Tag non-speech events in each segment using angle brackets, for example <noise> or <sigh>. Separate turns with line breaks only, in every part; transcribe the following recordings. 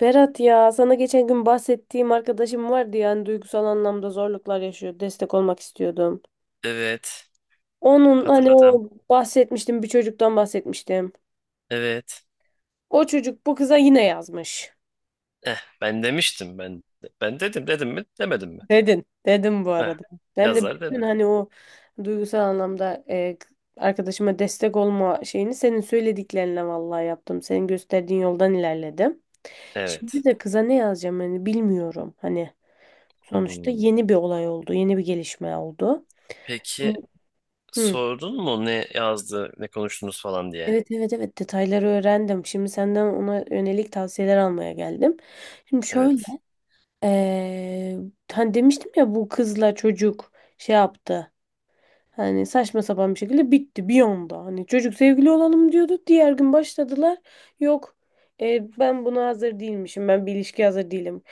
Berat ya sana geçen gün bahsettiğim arkadaşım vardı, yani duygusal anlamda zorluklar yaşıyor. Destek olmak istiyordum.
Evet.
Onun hani
Hatırladım.
o bahsetmiştim, bir çocuktan bahsetmiştim.
Evet.
O çocuk bu kıza yine yazmış.
Ben demiştim ben. Ben dedim dedim mi? Demedim mi?
Dedin. Dedim bu
Eh,
arada. Ben de
yazar
bütün
dedim.
hani o duygusal anlamda arkadaşıma destek olma şeyini senin söylediklerinle vallahi yaptım. Senin gösterdiğin yoldan ilerledim.
Evet.
Şimdi de kıza ne yazacağım hani, bilmiyorum. Hani sonuçta
Hmm.
yeni bir olay oldu, yeni bir gelişme oldu.
Peki
Hı.
sordun mu ne yazdı, ne konuştunuz falan diye?
Evet evet evet, detayları öğrendim. Şimdi senden ona yönelik tavsiyeler almaya geldim. Şimdi şöyle,
Evet.
eee hani demiştim ya, bu kızla çocuk şey yaptı. Hani saçma sapan bir şekilde bitti bir anda. Hani çocuk sevgili olalım diyordu. Diğer gün başladılar. Yok, ben buna hazır değilmişim. Ben bir ilişkiye hazır değilim.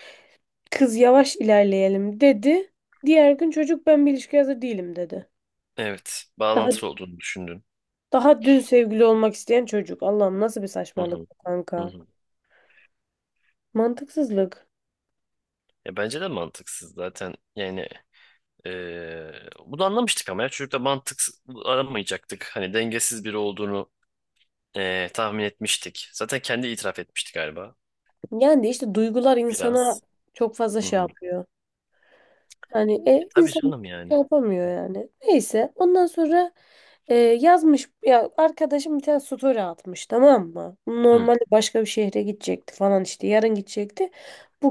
Kız yavaş ilerleyelim dedi. Diğer gün çocuk ben bir ilişkiye hazır değilim dedi.
Evet.
Daha,
Bağlantılı olduğunu düşündün.
daha dün sevgili olmak isteyen çocuk. Allah'ım, nasıl bir
Hı hı.
saçmalık bu
Hı
kanka.
hı.
Mantıksızlık.
Ya bence de mantıksız zaten. Yani bunu anlamıştık ama ya çocukta mantık aramayacaktık. Hani dengesiz biri olduğunu tahmin etmiştik. Zaten kendi itiraf etmişti galiba.
Yani de işte duygular insana
Biraz.
çok fazla
Hı
şey
hı.
yapıyor. Hani
Tabii
insan
canım yani.
şey yapamıyor yani. Neyse, ondan sonra yazmış ya arkadaşım, bir tane story atmış, tamam mı?
Hı
Normalde başka bir şehre gidecekti falan, işte yarın gidecekti.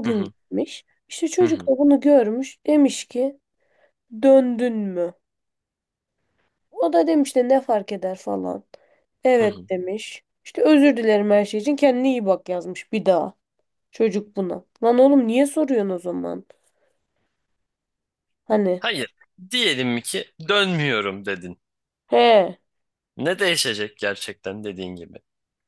hı hı
gitmiş. İşte
hı
çocuk
hı,
da bunu görmüş. Demiş ki, döndün mü? O da demiş de, ne fark eder falan.
hı hı.
Evet demiş. İşte özür dilerim her şey için, kendine iyi bak yazmış bir daha. Çocuk buna. Lan oğlum, niye soruyorsun o zaman? Hani.
Hayır. Diyelim ki dönmüyorum dedin.
He.
Ne değişecek gerçekten dediğin gibi?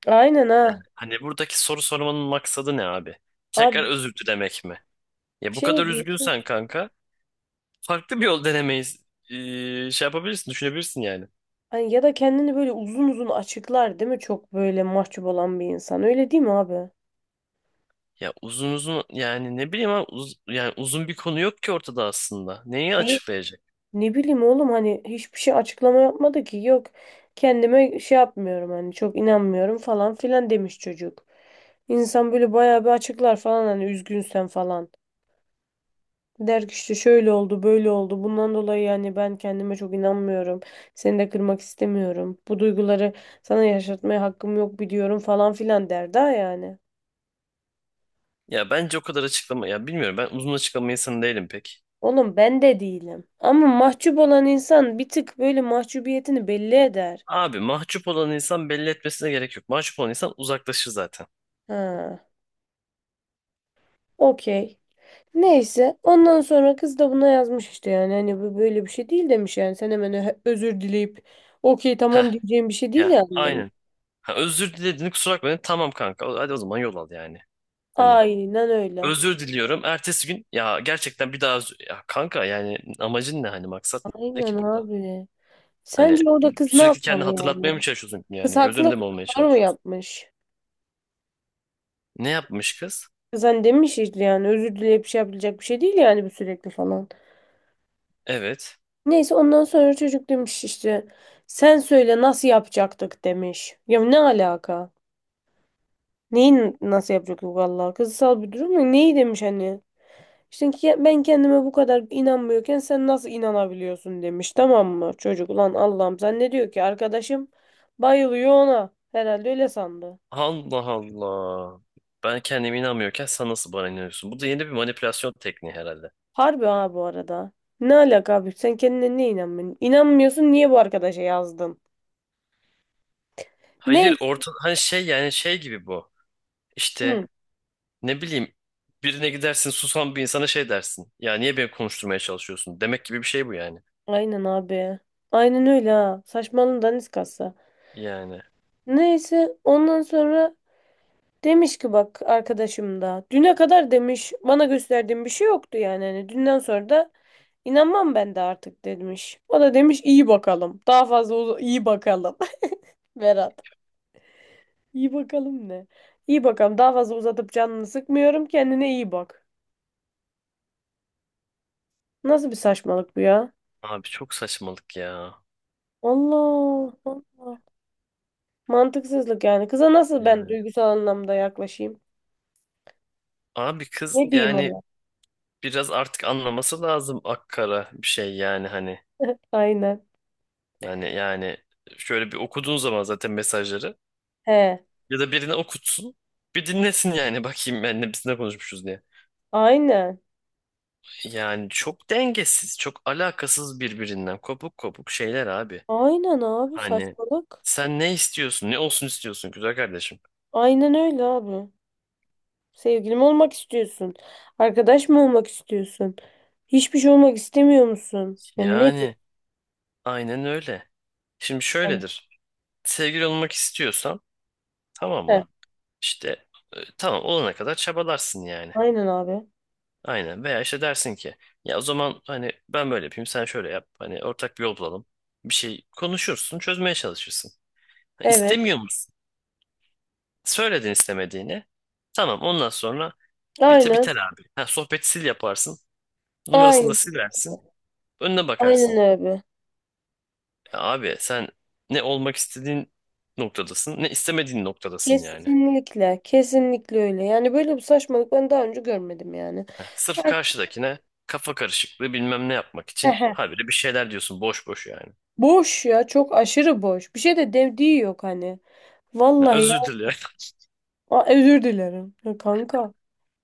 Aynen
Yani
ha.
hani buradaki soru sormanın maksadı ne abi?
Abi
Tekrar
bir
özür dilemek mi? Ya bu
şey
kadar
de değişir.
üzgünsen kanka farklı bir yol denemeyiz. Şey yapabilirsin, düşünebilirsin yani.
Hani ya da kendini böyle uzun uzun açıklar, değil mi? Çok böyle mahcup olan bir insan. Öyle değil mi abi?
Ya uzun uzun yani ne bileyim ama yani uzun bir konu yok ki ortada aslında. Neyi
Hayır.
açıklayacak?
Ne bileyim oğlum, hani hiçbir şey açıklama yapmadı ki. Yok, kendime şey yapmıyorum hani, çok inanmıyorum falan filan demiş çocuk. İnsan böyle bayağı bir açıklar falan hani, üzgünsen falan. Der ki işte şöyle oldu, böyle oldu. Bundan dolayı yani ben kendime çok inanmıyorum. Seni de kırmak istemiyorum. Bu duyguları sana yaşatmaya hakkım yok biliyorum falan filan der daha, yani.
Ya bence o kadar açıklama ya bilmiyorum ben uzun açıklama insanı değilim pek.
Oğlum ben de değilim. Ama mahcup olan insan bir tık böyle mahcubiyetini belli eder.
Abi mahcup olan insan belli etmesine gerek yok. Mahcup olan insan uzaklaşır zaten.
Ha, okey. Neyse ondan sonra kız da buna yazmış işte, yani hani bu böyle bir şey değil demiş, yani sen hemen özür dileyip okey
Heh,
tamam diyeceğim bir şey değil
ya
yani demiş.
aynen. Ha, özür dilediğini kusura bakmayın. Tamam kanka hadi o zaman yol al yani. Hani
Aynen öyle.
özür diliyorum. Ertesi gün ya gerçekten bir daha özür... Ya kanka yani amacın ne hani maksat ne
Aynen
ki burada?
abi.
Hani
Sence orada kız ne
sürekli kendini
yapmalı yani?
hatırlatmaya mı çalışıyorsun
Kız
yani? Göz önünde
haklı,
mi olmaya
doğru mu
çalışıyorsun?
yapmış?
Ne yapmış kız?
Kız hani demiş işte, yani özür dileyip şey yapabilecek bir şey değil yani bu, sürekli falan.
Evet.
Neyse ondan sonra çocuk demiş işte, sen söyle nasıl yapacaktık demiş. Ya ne alaka? Neyi nasıl yapacaktık vallahi? Kızsal bir durum mu? Neyi demiş hani? İşte ki ben kendime bu kadar inanmıyorken sen nasıl inanabiliyorsun demiş, tamam mı? Çocuk ulan, Allah'ım sen ne diyor ki, arkadaşım bayılıyor ona. Herhalde öyle sandı.
Allah Allah. Ben kendime inanmıyorken sen nasıl bana inanıyorsun? Bu da yeni bir manipülasyon tekniği herhalde.
Harbi ha bu arada. Ne alaka abi? Sen kendine niye inanmıyorsun? İnanmıyorsun, niye bu arkadaşa yazdın?
Hayır
Neyse.
orta hani şey yani şey gibi bu.
Hı.
İşte ne bileyim birine gidersin susan bir insana şey dersin. Ya niye beni konuşturmaya çalışıyorsun? Demek gibi bir şey bu yani.
Aynen abi. Aynen öyle ha. Saçmalığın daniskası.
Yani
Neyse ondan sonra demiş ki, bak arkadaşım da. Düne kadar demiş bana gösterdiğin bir şey yoktu yani. Hani dünden sonra da inanmam ben de artık demiş. O da demiş iyi bakalım. Daha fazla iyi bakalım. <laughs> Berat. İyi bakalım ne? İyi bakalım. Daha fazla uzatıp canını sıkmıyorum. Kendine iyi bak. Nasıl bir saçmalık bu ya?
abi çok saçmalık ya.
Allah Allah. Mantıksızlık yani. Kıza nasıl ben
Yani
duygusal anlamda yaklaşayım?
abi kız
Ne diyeyim
yani
ona?
biraz artık anlaması lazım akkara bir şey yani hani.
Aynen.
Yani şöyle bir okuduğun zaman zaten mesajları
He.
ya da birine okutsun. Bir dinlesin yani <laughs> bakayım ben ne konuşmuşuz diye.
Aynen.
Yani çok dengesiz, çok alakasız birbirinden kopuk kopuk şeyler abi.
Aynen abi,
Hani
saçmalık.
sen ne istiyorsun? Ne olsun istiyorsun güzel kardeşim?
Aynen öyle abi. Sevgilim olmak istiyorsun. Arkadaş mı olmak istiyorsun? Hiçbir şey olmak istemiyor musun? Yani ne
Yani aynen öyle. Şimdi
diyorsun?
şöyledir. Sevgili olmak istiyorsan tamam
He.
mı? İşte tamam olana kadar çabalarsın yani.
Aynen abi.
Aynen. Veya işte dersin ki ya o zaman hani ben böyle yapayım sen şöyle yap. Hani ortak bir yol bulalım. Bir şey konuşursun çözmeye çalışırsın. Ha,
Evet.
İstemiyor musun? Söyledin istemediğini. Tamam ondan sonra bite
Aynen.
biter abi. Ha, sohbeti sil yaparsın. Numarasını da
Aynen.
silersin. Önüne bakarsın.
Aynen abi.
Ya abi sen ne olmak istediğin noktadasın ne istemediğin noktadasın yani.
Kesinlikle, kesinlikle öyle. Yani böyle bir saçmalık ben daha önce görmedim yani.
Heh, sırf karşıdakine kafa karışıklığı bilmem ne yapmak için
Hehe.
habire bir şeyler diyorsun boş boş yani.
Boş ya, çok aşırı boş. Bir şey de dediği yok hani.
Ya
Vallahi ya.
özür dilerim.
Aa, özür dilerim. Ya kanka,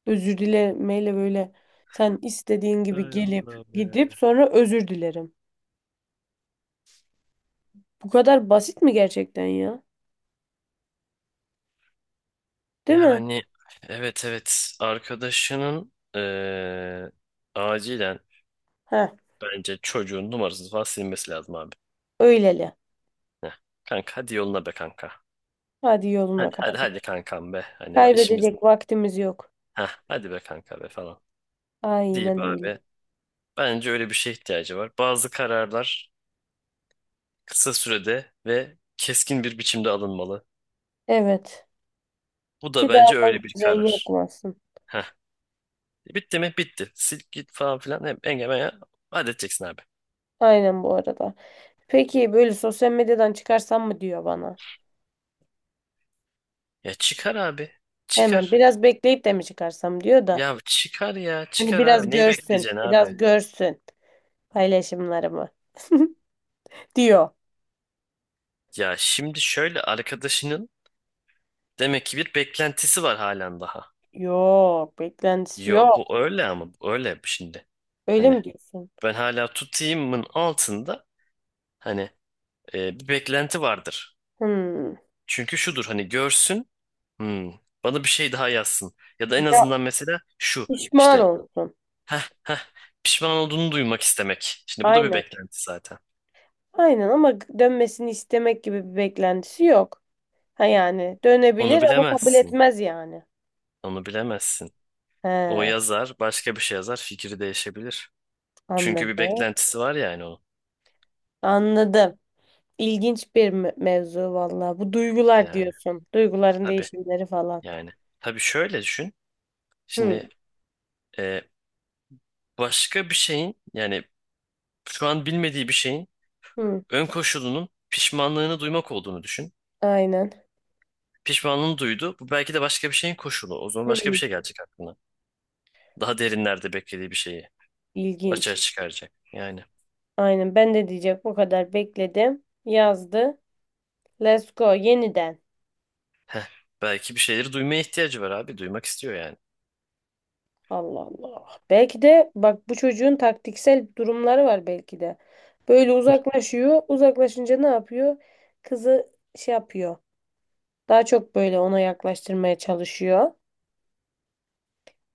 özür dilemeyle böyle sen istediğin
<laughs>
gibi
Ay
gelip
Allah'ım ya.
gidip sonra özür dilerim. Bu kadar basit mi gerçekten ya? Değil mi?
Yani evet evet arkadaşının acilen
Heh,
bence çocuğun numarasını falan silmesi lazım abi.
öyleli.
Heh, kanka hadi yoluna be kanka.
Hadi yoluna
Hadi hadi hadi
kardeş.
kankam be. Hani bak işimiz.
Kaybedecek vaktimiz yok.
Heh, hadi be kanka be falan. Deyip
Aynen öyle.
abi bence öyle bir şeye ihtiyacı var. Bazı kararlar kısa sürede ve keskin bir biçimde alınmalı.
Evet.
Bu da
Ki daha
bence
fazla
öyle bir
can
karar.
yakmasın.
Heh. Bitti mi? Bitti. Sil git falan filan. Hep engemeye halledeceksin abi.
Aynen bu arada. Peki, böyle sosyal medyadan çıkarsam mı diyor bana.
Ya çıkar abi.
Hemen
Çıkar.
biraz bekleyip de mi çıkarsam diyor da,
Ya çıkar ya.
hani
Çıkar
biraz
abi. Neyi
görsün,
bekleyeceksin
biraz
abi?
görsün paylaşımlarımı diyor.
Ya şimdi şöyle arkadaşının demek ki bir beklentisi var halen daha.
Yok, beklentisi
Yo
yok.
bu öyle ama bu öyle şimdi.
Öyle
Hani
mi diyorsun?
ben hala tutayımın altında hani bir beklenti vardır.
Hmm.
Çünkü şudur hani görsün "Hmm, bana bir şey daha yazsın. Ya da en
Ya
azından mesela şu
pişman
işte
olsun.
heh, heh, pişman olduğunu duymak istemek. Şimdi bu da bir
Aynen.
beklenti zaten.
Aynen ama dönmesini istemek gibi bir beklentisi yok. Ha yani
Onu
dönebilir ama kabul
bilemezsin.
etmez yani.
Onu bilemezsin. O
He,
yazar başka bir şey yazar fikri değişebilir. Çünkü bir
anladım.
beklentisi var yani onun.
Anladım. İlginç bir mevzu vallahi. Bu duygular
Yani
diyorsun. Duyguların
tabii
değişimleri falan.
yani. Tabii şöyle düşün.
Hı,
Şimdi e, başka bir şeyin yani şu an bilmediği bir şeyin
hı.
ön koşulunun pişmanlığını duymak olduğunu düşün.
Aynen.
Pişmanlığını duydu. Bu belki de başka bir şeyin koşulu. O zaman başka bir
Hmm,
şey gelecek aklına. Daha derinlerde beklediği bir şeyi açığa
ilginç.
çıkaracak. Yani
Aynen, ben de diyecek bu kadar bekledim. Yazdı. Let's go yeniden.
belki bir şeyleri duymaya ihtiyacı var abi. Duymak istiyor yani.
Allah Allah. Belki de bak, bu çocuğun taktiksel durumları var belki de. Böyle uzaklaşıyor. Uzaklaşınca ne yapıyor? Kızı şey yapıyor. Daha çok böyle ona yaklaştırmaya çalışıyor.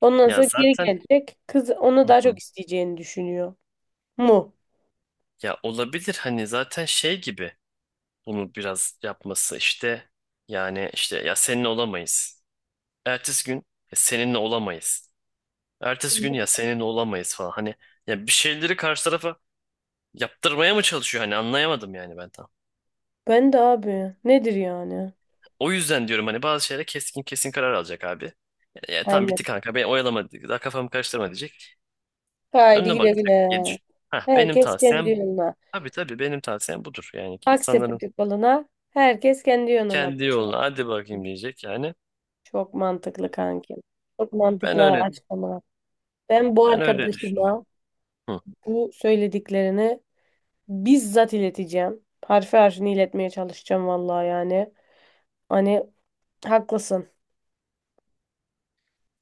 Ondan
Ya
sonra geri
zaten
gelecek. Kız onu
hı
daha çok
hı,
isteyeceğini düşünüyor. Mu?
ya olabilir hani zaten şey gibi bunu biraz yapması işte yani işte ya seninle olamayız. Ertesi gün ya seninle olamayız. Ertesi gün ya seninle olamayız falan. Hani ya bir şeyleri karşı tarafa yaptırmaya mı çalışıyor hani anlayamadım yani ben.
Ben de abi. Nedir yani?
O yüzden diyorum hani bazı şeylere keskin kesin karar alacak abi. Ya, tam
Aynen.
bitti kanka beni oyalama daha kafamı karıştırma diyecek.
Haydi
Önüne
güle
bakacak
güle.
gelir. Hah benim
Herkes kendi
tavsiyem
yoluna.
tabii benim tavsiyem budur. Yani ki insanların
Akseptik balına herkes kendi yönüne.
kendi yoluna hadi bakayım diyecek yani.
Çok mantıklı kanki. Çok
Ben
mantıklı
öyle
açıklamalar. Ben bu
ben öyle düşünüyorum.
arkadaşıma
Hı.
bu söylediklerini bizzat ileteceğim. Harfi harfini iletmeye çalışacağım vallahi yani. Hani haklısın.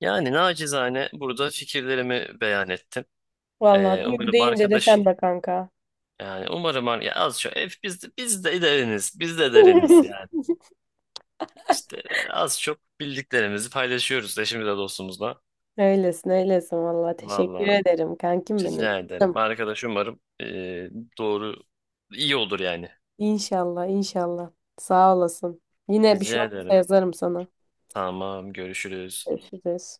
Yani nacizane burada fikirlerimi beyan ettim.
Vallahi duygu
Umarım
deyince de sen
arkadaşın
be kanka.
yani umarım ya az çok hep biz de deriniz yani.
<laughs>
İşte az çok bildiklerimizi paylaşıyoruz eşimizle dostumuzla.
Öylesin öylesin vallahi. Teşekkür
Valla
ederim kankim benim.
rica ederim.
Canım.
Arkadaş umarım doğru iyi olur yani.
İnşallah inşallah. Sağ olasın. Yine bir şey
Rica
olursa
ederim.
yazarım sana.
Tamam görüşürüz.
Görüşürüz.